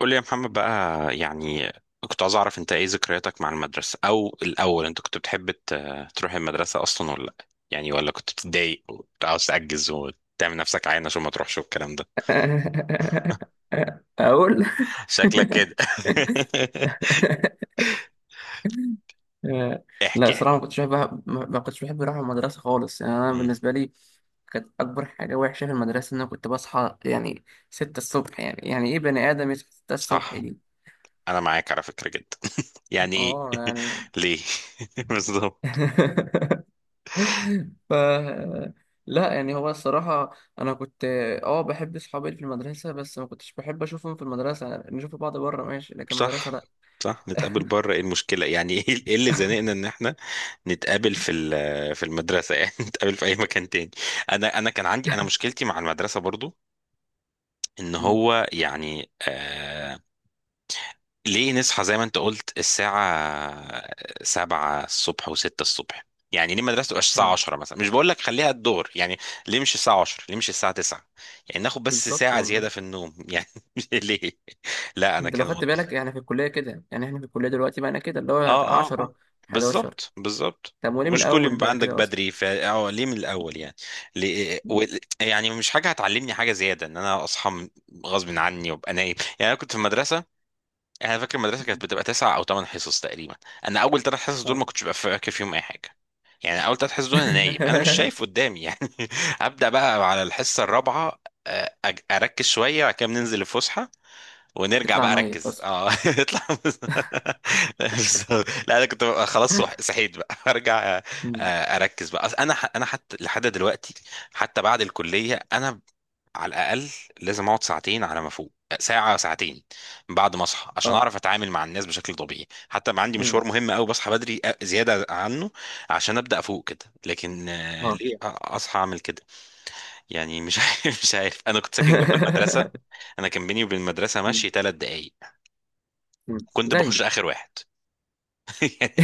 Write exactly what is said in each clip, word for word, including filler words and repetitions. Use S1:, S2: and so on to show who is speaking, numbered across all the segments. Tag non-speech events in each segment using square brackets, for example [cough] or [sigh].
S1: قول لي يا محمد بقى، يعني كنت عايز اعرف انت ايه ذكرياتك مع المدرسة. او الاول انت كنت بتحب ت- تروح المدرسة اصلا ولا لا؟ يعني ولا كنت بتتضايق وكنت عاوز تأجز وتعمل نفسك عين عشان ما تروحش والكلام ده؟
S2: [laughs] اقول
S1: شكلك كده. [laughs]
S2: آه، لا
S1: احكي
S2: صراحه
S1: احكي.
S2: ما كنتش بحب ما ما كنتش بحب اروح المدرسه خالص. يعني انا
S1: مم.
S2: بالنسبه لي كانت اكبر حاجه وحشه في المدرسه ان انا كنت بصحى يعني ست الصبح. يعني يعني ايه بني ادم يصحى ست الصبح
S1: صح.
S2: دي؟
S1: انا معاك على فكرة جدا. [laughs] يعني ايه؟
S2: اه يعني
S1: [laughs] ليه؟ [laughs] بالظبط.
S2: [laughs] ف لا يعني هو الصراحه انا كنت اه بحب اصحابي اللي في المدرسه، بس ما كنتش بحب اشوفهم في المدرسه. يعني نشوف بعض بره ماشي، لكن المدرسه
S1: صح،
S2: لا.
S1: صح. نتقابل بره، ايه المشكلة يعني؟ [laughs] ايه إيه اللي زنقنا ان احنا نتقابل في ال- في المدرسة؟ يعني [laughs] نتقابل في اي مكان تاني. انا انا كان عندي انا مشكلتي مع المدرسة برضو، ان
S2: [laughs]
S1: هو يعني آه، ليه نصحى زي ما انت قلت الساعة سبعة الصبح وستة الصبح؟ يعني ليه المدرسة تبقاش الساعة
S2: آه،
S1: عشرة مثلا؟ مش بقول لك خليها الظهر يعني، ليه مش الساعة عشرة، ليه مش الساعة تسعة؟ يعني ناخد بس
S2: بالظبط
S1: ساعة
S2: والله.
S1: زيادة في النوم يعني. [laughs] ليه؟ لا انا
S2: انت لو
S1: كان،
S2: خدت بالك يعني في الكليه كده، يعني احنا في الكليه دلوقتي بقى انا كده اللي هو
S1: اه اه اه،
S2: عشرة، حداشر.
S1: بالظبط بالظبط.
S2: طب وليه من
S1: ومش كل يوم
S2: الاول
S1: يبقى
S2: بقى
S1: عندك
S2: كده اصلا؟
S1: بدري، ف اه ليه من الاول يعني؟ ليه و... يعني مش حاجه هتعلمني حاجه زياده ان انا اصحى من- غصب عني وابقى نايم. يعني انا كنت في المدرسه، انا فاكر المدرسه كانت بتبقى تسع او ثمان حصص تقريبا. انا اول ثلاث حصص دول
S2: اه
S1: ما كنتش ببقى فاكر فيهم اي حاجه، يعني اول ثلاث حصص دول انا نايم، انا مش شايف
S2: [laughs]
S1: قدامي يعني. [laughs] ابدا، بقى على الحصه الرابعه آه، أج- اركز شويه، وبعد كده بننزل الفسحه ونرجع
S2: تطلع
S1: بقى
S2: ميت
S1: اركز
S2: اصلا.
S1: اه [laughs] اطلع. بالظبط. لا انا كنت ببقى خلاص، صح- صحيت بقى [laughs] ارجع أ-
S2: مم.
S1: اركز بقى. أصل انا ح- انا حتى لحد دلوقتي، حتى بعد الكليه، انا على الاقل لازم اقعد ساعتين على ما فوق، ساعه ساعتين بعد ما اصحى عشان
S2: اه
S1: اعرف اتعامل مع الناس بشكل طبيعي. حتى ما عندي
S2: مم.
S1: مشوار مهم قوي بصحى بدري أ- زياده عنه عشان ابدا افوق كده. لكن آه،
S2: اه
S1: ليه أ- اصحى اعمل كده؟ يعني مش [laughs] عارف مش عارف، انا كنت ساكن جنب المدرسه.
S2: [laughs]
S1: انا كان بيني وبين المدرسه
S2: مم.
S1: ماشي ثلاث دقائق.
S2: مم.
S1: كنت
S2: زي
S1: بخش اخر واحد [laughs] يعني،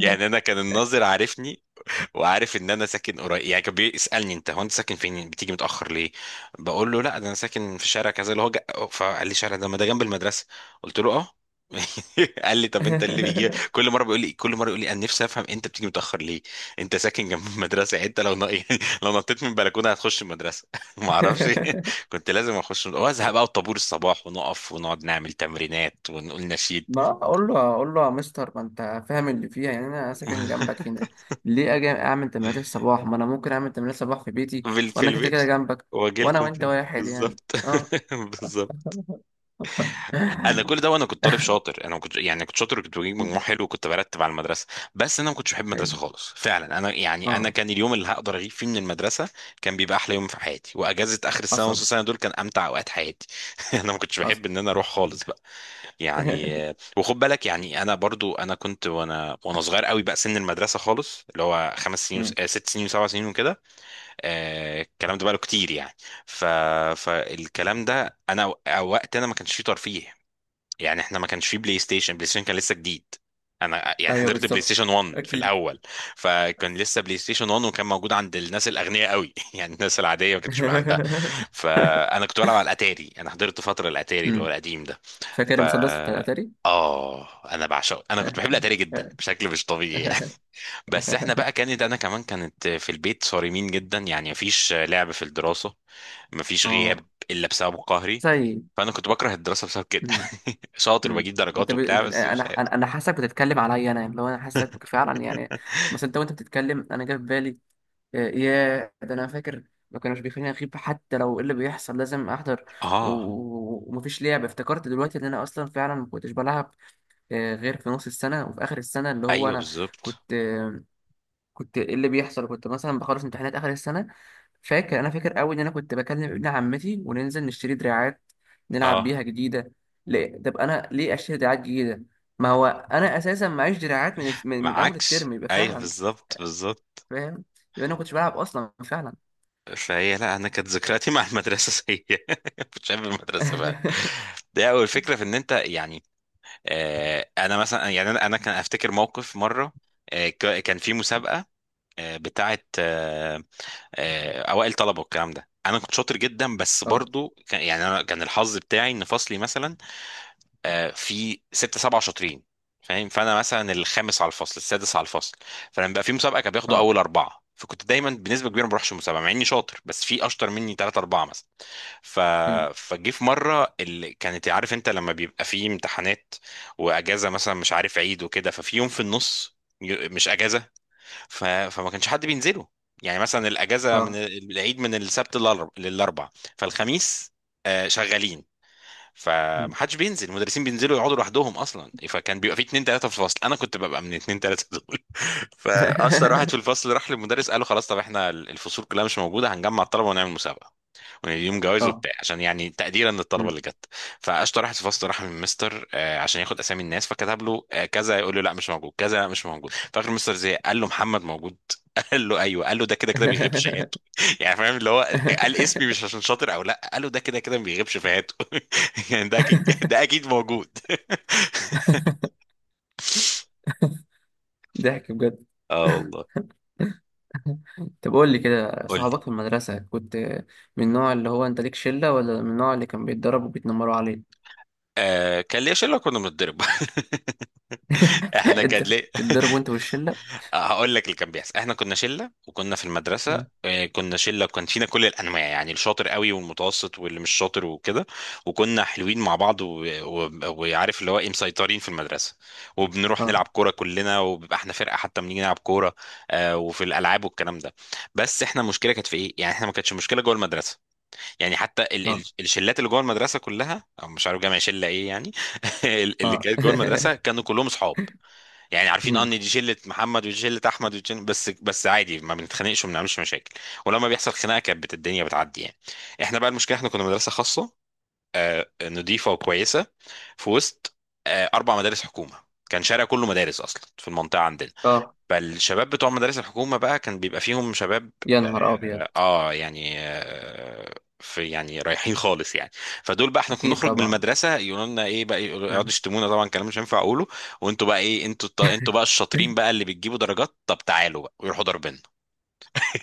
S1: يعني انا كان الناظر عارفني وعارف ان انا ساكن قريب. يعني كان بيسالني انت هو انت ساكن فين بتيجي متاخر ليه؟ بقول له لا ده انا ساكن في شارع كذا اللي هو جا... فقال لي شارع ده ما ده جنب المدرسه. قلت له اه. [laughs] قال لي طب انت اللي بيجي كل
S2: [laughs]
S1: مره، بيقول لي كل مره، يقول لي انا نفسي افهم انت بتيجي متاخر ليه؟ انت ساكن جنب المدرسه. يعني انت لو ن... [laughs] يعني لو نطيت من البلكونه هتخش المدرسه. [laughs] ما اعرفش. [laughs]
S2: [laughs]
S1: كنت لازم اخش وازهق بقى، وطابور الصباح ونقف ونقعد نعمل تمرينات ونقول نشيد.
S2: ما اقول له، اقول له يا مستر ما انت فاهم اللي فيها، يعني انا ساكن
S1: [laughs]
S2: جنبك هنا. ليه اجي اعمل تمرينات الصباح؟ ما انا ممكن اعمل تمرينات الصباح في بيتي
S1: بال- في
S2: وانا كده كده
S1: البيت،
S2: جنبك.
S1: واجي
S2: وانا
S1: لكم
S2: وانت
S1: تاني
S2: واحد يعني.
S1: بالظبط.
S2: اه
S1: [laughs] بالظبط. انا كل ده
S2: [laughs]
S1: وانا كنت طالب شاطر، انا كنت يعني كنت شاطر وكنت بجيب مجموع حلو وكنت برتب على المدرسه. بس انا ما كنتش بحب
S2: ايوه،
S1: المدرسه خالص فعلا. انا يعني انا
S2: اه.
S1: كان اليوم اللي هقدر اغيب فيه من المدرسه كان بيبقى احلى يوم في حياتي. واجازه اخر السنه ونص
S2: حصل.
S1: السنه دول كان امتع اوقات حياتي. [laughs] انا ما كنتش
S2: حصل.
S1: بحب ان انا اروح خالص بقى. يعني آه،
S2: [laughs]
S1: وخد بالك يعني انا برضو، انا كنت وانا وانا صغير قوي بقى سن المدرسه خالص اللي هو خمس سنين وس...
S2: مم.
S1: آه، ست سنين وسبع سنين وكده. آه، الكلام ده بقاله كتير يعني. ف... فالكلام ده انا أو- وقت انا ما كانش فيه ترفيه. يعني احنا ما كانش فيه بلاي ستيشن، بلاي ستيشن كان لسه جديد. انا يعني
S2: ايوه
S1: حضرت بلاي
S2: بالظبط.
S1: ستيشن واحد في
S2: اكيد.
S1: الاول، فكان لسه بلاي ستيشن واحد وكان موجود عند الناس الاغنياء قوي. [laughs] يعني الناس العاديه ما كانش بقى عندها.
S2: [laughs]
S1: فانا كنت بلعب على الاتاري، انا حضرت فتره الاتاري اللي هو
S2: مم.
S1: القديم ده.
S2: فاكر
S1: ف
S2: المسدس بتاع الاتاري؟
S1: اه انا بعشقه، انا كنت بحب الاتاري جدا بشكل مش طبيعي. بس احنا بقى كانت، انا كمان كانت في البيت صارمين جدا، يعني مفيش لعب في الدراسة،
S2: [laughs]
S1: مفيش
S2: اه.
S1: غياب الا بسبب قهري.
S2: زي.
S1: فانا كنت بكره الدراسة بسبب كده. [laughs] شاطر
S2: امم،
S1: وبجيب درجات
S2: انت ب...
S1: وبتاع بس
S2: انا
S1: مش عارف.
S2: انا أنا حاسسك بتتكلم عليا انا، يعني لو انا حاسسك فعلا يعني.
S1: [laughs]
S2: مثلا انت وانت بتتكلم انا جه في بالي آه، يا ده انا فاكر، ما كانوش بيخليني اغيب حتى لو ايه اللي بيحصل، لازم احضر. و...
S1: اه،
S2: و- ومفيش لعب، افتكرت دلوقتي ان انا اصلا فعلا ما كنتش بلعب، آه، غير في نص السنه وفي اخر السنه اللي هو
S1: ايوه
S2: انا
S1: بالظبط،
S2: كنت آه، كنت ايه اللي بيحصل، كنت مثلا بخلص امتحانات اخر السنه. فاكر، انا فاكر قوي ان انا كنت بكلم ابن عمتي وننزل نشتري دراعات نلعب
S1: اه،
S2: بيها جديده. ليه؟ طب انا ليه اشتري دراعات جديده؟ ما هو انا اساسا معيش دراعات من من, من اول
S1: معاكش
S2: الترم، يبقى
S1: ايوه
S2: فعلا
S1: بالظبط بالظبط.
S2: فاهم، يبقى انا ما كنتش بلعب اصلا فعلا.
S1: فهي لا، انا كانت ذكرياتي [laughs] مع المدرسه سيئه. [laughs] كنت شايف المدرسه بقى
S2: [laughs]
S1: ده اول فكره في ان انت يعني. آه، انا مثلا يعني انا انا كان افتكر موقف مره، آه ك- كان في مسابقه آه، بتاعه آه، آه، اوائل طلبه والكلام ده. انا كنت شاطر جدا بس
S2: اه،
S1: برضو كان يعني، انا كان الحظ بتاعي ان فصلي مثلا آه، في ستة سبعة شاطرين، فاهم؟ فانا مثلا الخامس على الفصل السادس على الفصل. فلما بقى في مسابقه كان بياخدوا
S2: اه.
S1: اول اربعه، فكنت دايما بنسبه كبيره ما بروحش المسابقه مع اني شاطر، بس في اشطر مني ثلاثة اربعه مثلا. ف...
S2: أمم،
S1: فجي في مره، اللي كانت عارف انت لما بيبقى في امتحانات واجازه مثلا مش عارف عيد وكده، ففي يوم في النص، ي- مش اجازه، ف... فما كانش حد بينزله. يعني مثلا الاجازه من
S2: اه.
S1: ال- العيد من السبت للأرب- للاربع، فالخميس آه، شغالين،
S2: أمم.
S1: فمحدش بينزل. المدرسين بينزلوا يقعدوا لوحدهم اصلا. فكان بيبقى في اتنين تلاته في الفصل، انا كنت ببقى من اتنين تلاته دول. [laughs] فاشطر واحد في
S2: [laughs]
S1: الفصل راح للمدرس قال له خلاص طب احنا الفصول كلها مش موجوده، هنجمع الطلبه ونعمل مسابقه، يعني يوم جوائز
S2: اه.
S1: وبتاع عشان يعني تقديرا للطلبه
S2: أمم.
S1: اللي جت. فاشطر واحد في الفصل راح من مستر آه، عشان ياخد اسامي الناس. فكتب له آه، كذا يقول له لا مش موجود، كذا لا مش موجود. فاخر مستر زي قال له محمد موجود. [laughs] قال له ايوه. قال له ده كده كده بيغيب شهادته.
S2: [laughs]
S1: [laughs] يعني فاهم اللي هو قال اسمي مش عشان شاطر او لا، قال له ده كده كده ما بيغيبش شهادته. [laughs] يعني ده اكيد، ده اكيد موجود. [laughs]
S2: ضحك بجد.
S1: اه والله.
S2: طب قول لي كده،
S1: قول لي.
S2: صحابك في المدرسة كنت من النوع اللي هو انت ليك شلة، ولا من النوع اللي كان بيتضرب وبيتنمروا عليه؟
S1: آه كان ليا شله كنا بنتضرب، [laughs] احنا
S2: [laughs]
S1: كان
S2: انت كنت
S1: ليه.
S2: بتتضرب وانت
S1: [laughs]
S2: والشلة؟
S1: آه، هقول لك اللي كان بيحصل. احنا كنا شله وكنا في المدرسه آه، كنا شله وكان فينا كل الانواع، يعني الشاطر قوي والمتوسط واللي مش شاطر وكده. وكنا حلوين مع بعض و- و- وعارف اللي هو ايه، مسيطرين في المدرسه.
S2: اه،
S1: وبنروح
S2: اه،
S1: نلعب كوره كلنا وبيبقى احنا فرقه حتى بنيجي نلعب كوره آه، وفي الالعاب والكلام ده. بس احنا المشكله كانت في ايه، يعني احنا ما كانتش مشكله جوه المدرسه. يعني حتى ال
S2: اه،
S1: ال الشلات اللي جوه المدرسه كلها، أو مش عارف جامع شله ايه يعني، [laughs] اللي
S2: اه.
S1: كانت جوه
S2: [laughs]
S1: المدرسه كانوا كلهم اصحاب. يعني عارفين
S2: مم.
S1: ان دي شله محمد ودي شله احمد ودي شلة- بس بس عادي ما بنتخانقش وما بنعملش مشاكل. ولما بيحصل خناقه كانت بت- الدنيا بتعدي يعني. احنا بقى المشكله، احنا كنا مدرسه خاصه آه، نضيفه وكويسه في وسط آه، اربع مدارس حكومه. كان شارع كله مدارس اصلا في المنطقه عندنا.
S2: اه.
S1: فالشباب بتوع مدارس الحكومه بقى كان بيبقى فيهم شباب
S2: يا نهار ابيض.
S1: اه، يعني آه، في يعني رايحين خالص يعني. فدول بقى، احنا كنا
S2: اكيد
S1: بنخرج من
S2: طبعا.
S1: المدرسه يقولوا لنا ايه بقى، يقولوا- يقعدوا
S2: مم.
S1: يشتمونا طبعا كلام مش هينفع اقوله. وانتوا بقى ايه، انتوا الط- انتوا بقى الشاطرين بقى اللي بتجيبوا درجات، طب تعالوا بقى، ويروحوا ضاربنا.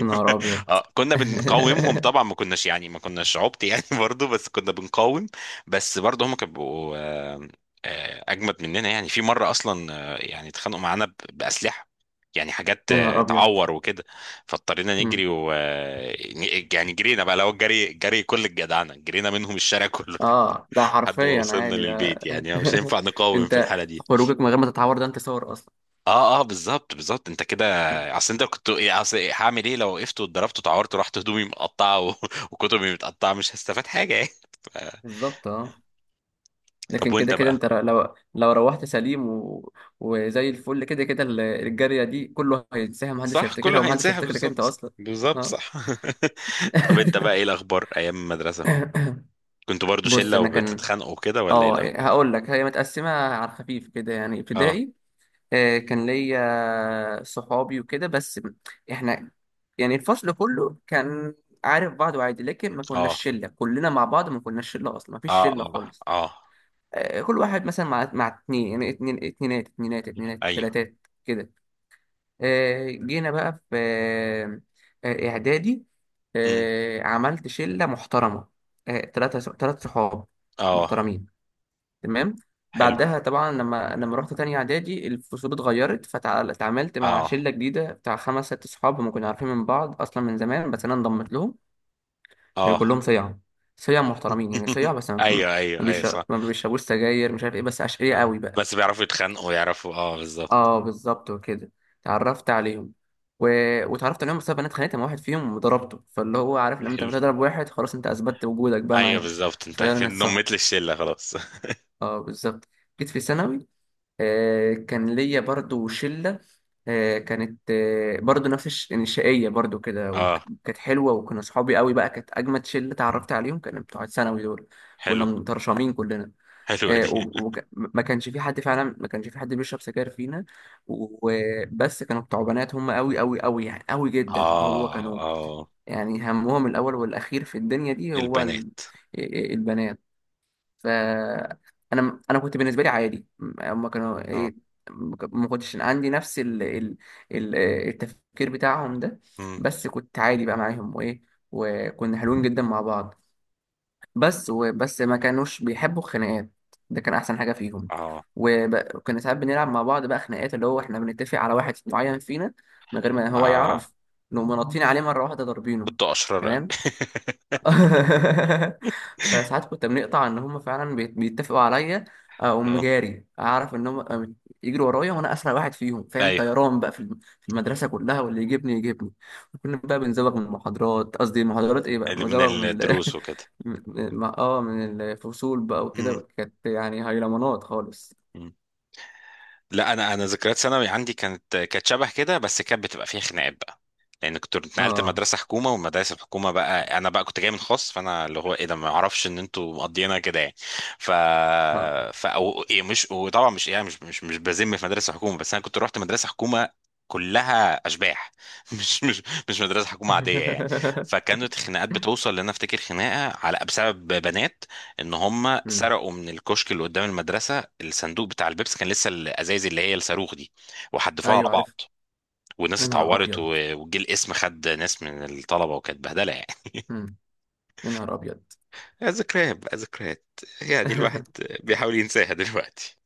S2: يا نهار ابيض.
S1: اه
S2: [laughs]
S1: كنا بنقاومهم طبعا، ما كناش يعني ما كناش عبط يعني، [laughs] برضو بس كنا بنقاوم. بس برضو هم كانوا بيبقوا، آه، آه، اجمد مننا. يعني في مره اصلا آه، يعني اتخانقوا معانا ب- باسلحه، يعني حاجات
S2: يا نهار
S1: آه،
S2: ابيض.
S1: تعور وكده. فاضطرينا
S2: مم.
S1: نجري و آه، ن- يعني جرينا بقى لو الجري جري كل الجدعنه، جرينا منهم الشارع كله
S2: اه، ده
S1: [laughs] لحد ما
S2: حرفيا
S1: وصلنا
S2: عادي ده.
S1: للبيت. يعني مش
S2: [laughs]
S1: هينفع نقاوم في
S2: انت
S1: الحاله دي.
S2: خروجك من غير ما تتعور، ده انت صور اصلا.
S1: اه اه بالظبط بالظبط. انت كده،
S2: مم.
S1: اصل انت كنت إيه، اصل إيه، هعمل ايه لو وقفت واتضربت واتعورت ورحت هدومي مقطعه و... [laughs] وكتبي متقطعه؟ مش هستفاد حاجه يعني. ف-
S2: بالظبط اه.
S1: طب
S2: لكن كده
S1: وانت
S2: كده
S1: بقى.
S2: انت لو لو روحت سليم و... وزي الفل، كده كده ال- الجارية دي كله هينساها، محدش
S1: صح
S2: هيفتكرها،
S1: كله
S2: ومحدش
S1: هينساها،
S2: هيفتكرك انت
S1: بالظبط
S2: اصلا.
S1: بالظبط
S2: اه.
S1: صح. [laughs] طب انت بقى ايه
S2: [laughs]
S1: الاخبار ايام المدرسه،
S2: [coughs]
S1: كنتوا برضو
S2: بص،
S1: شله
S2: انا كان،
S1: وبتتخانقوا كده ولا ايه
S2: اه
S1: الاخبار؟
S2: هقول لك، هي متقسمة على الخفيف كده. يعني
S1: اه
S2: ابتدائي آه، كان ليا صحابي وكده، بس احنا يعني الفصل كله كان عارف بعضه عادي، لكن ما كناش
S1: اه
S2: شلة كلنا مع بعض، ما كناش شلة اصلا، ما فيش
S1: اه
S2: شلة
S1: اه
S2: خالص.
S1: اه
S2: آه، كل واحد مثلا مع مع اتنين، يعني اتنين، اتنينات، اتنينات، اتنينات،
S1: ايوه،
S2: تلاتات كده. آه، جينا بقى في آه، آه، اعدادي
S1: أمم،
S2: آه، عملت شله محترمه، آه، تلاته، تلات صحاب
S1: اه
S2: محترمين، تمام.
S1: حلو،
S2: بعدها طبعا لما لما رحت تاني اعدادي، الفصول اتغيرت، فتعاملت مع
S1: اه
S2: شله جديده بتاع خمس ست صحاب، هم كنا عارفين من بعض اصلا من زمان، بس انا انضمت لهم. كانوا
S1: اه.
S2: كلهم صيع، صيع محترمين يعني، صيع
S1: [laughs]
S2: بس ما
S1: ايوه
S2: ما
S1: ايوه ايوه صح.
S2: بيشرب- ما بيشربوش سجاير، مش عارف ايه، بس اشقياء
S1: آه.
S2: قوي بقى.
S1: بس بيعرفوا يتخانقوا، يعرفوا اه بالظبط.
S2: اه، بالظبط وكده. اتعرفت عليهم و... واتعرفت عليهم بسبب إن انا اتخانقت مع واحد فيهم وضربته، فاللي هو عارف لما انت
S1: حلو.
S2: بتضرب واحد خلاص انت اثبتت وجودك بقى
S1: ايوه
S2: معاهم،
S1: بالظبط، انت
S2: فيلا
S1: كده
S2: نتصاحب.
S1: نميت لي الشله خلاص.
S2: اه بالظبط. جيت في ثانوي، آه كان ليا برضو شلة، آه كانت آه برضو نفس الش... يعني شقية برضو كده،
S1: [laughs] اه.
S2: وكانت حلوة، وكنا صحابي قوي بقى، كانت أجمد شلة اتعرفت عليهم، كانوا بتوع ثانوي دول. كنا
S1: حلو.
S2: مترشمين كلنا.
S1: حلوه
S2: آه،
S1: دي.
S2: و-
S1: [laughs]
S2: وك- ما كانش في حد فعلا، ما كانش في حد بيشرب سجاير فينا. وبس كانوا بتوع بنات هم قوي قوي قوي، يعني قوي جدا، اللي هو
S1: اه
S2: كانوا
S1: اه.
S2: يعني همهم الاول والاخير في الدنيا دي هو ال-
S1: البنات.
S2: آه، آه، البنات. ف انا انا كنت بالنسبه لي عادي، هم كانوا
S1: اه.
S2: ايه. ما كنتش عندي نفس ال... ال... ال- آه، التفكير بتاعهم ده،
S1: مم.
S2: بس كنت عادي بقى معاهم وايه، وكنا حلوين جدا مع بعض. بس وبس ما كانوش بيحبوا الخناقات، ده كان احسن حاجه فيهم.
S1: اه
S2: وب- وكنا ساعات بنلعب مع بعض بقى خناقات، اللي هو احنا بنتفق على واحد معين فينا من غير ما هو
S1: اه.
S2: يعرف، نقوم نطين عليه مره واحده ضاربينه.
S1: كنت اشرار قوي.
S2: تمام. [laughs]
S1: [laughs]
S2: فساعات كنت بنقطع ان هم فعلا بيت- بيتفقوا عليا، اقوم
S1: اه
S2: جاري اعرف ان هم يجروا ورايا، وانا اسرع واحد فيهم فاهم،
S1: ايوه.
S2: طيران بقى في الم- في المدرسه كلها، واللي يجيبني يجيبني. وكنا بقى بنزوغ من المحاضرات، قصدي المحاضرات ايه بقى،
S1: اللي من
S2: مزوغ من ال...
S1: الدروس
S2: [laughs]
S1: وكده.
S2: من- من- اه من الفصول بقى وكده، كانت يعني هيلمانات خالص.
S1: مم. لا انا، انا ذكريات ثانوي عندي كانت كانت شبه كده، بس كانت بتبقى فيها خناقات بقى. لان كنت اتنقلت
S2: اه،
S1: لمدرسه حكومه، والمدارس الحكومه بقى، انا بقى كنت جاي من خاص فانا اللي هو ايه ده، ما اعرفش ان انتوا مقضينا كده يعني. ف
S2: اه.
S1: ف أو إيه، مش وطبعا مش يعني مش مش مش بذم في مدرسه حكومه، بس انا كنت رحت مدرسه حكومه كلها اشباح، [laughs] مش مش مش مدرسه حكومه عاديه يعني.
S2: [laughs]
S1: فكانت الخناقات بتوصل لان أنا افتكر خناقه على بسبب بنات، ان هم
S2: مم.
S1: سرقوا من الكشك اللي قدام المدرسه الصندوق بتاع البيبس، كان لسه الازايز اللي هي الصاروخ دي، وحدفوها على
S2: ايوه عارف.
S1: بعض، والناس
S2: يا نهار
S1: اتعورت
S2: ابيض.
S1: و- وجه الاسم خد ناس من الطلبه وكانت بهدله يعني.
S2: مم. يا نهار ابيض.
S1: [laughs] ذكريات بقى ذكريات، يعني الواحد
S2: [laughs]
S1: بيحاول ينساها دلوقتي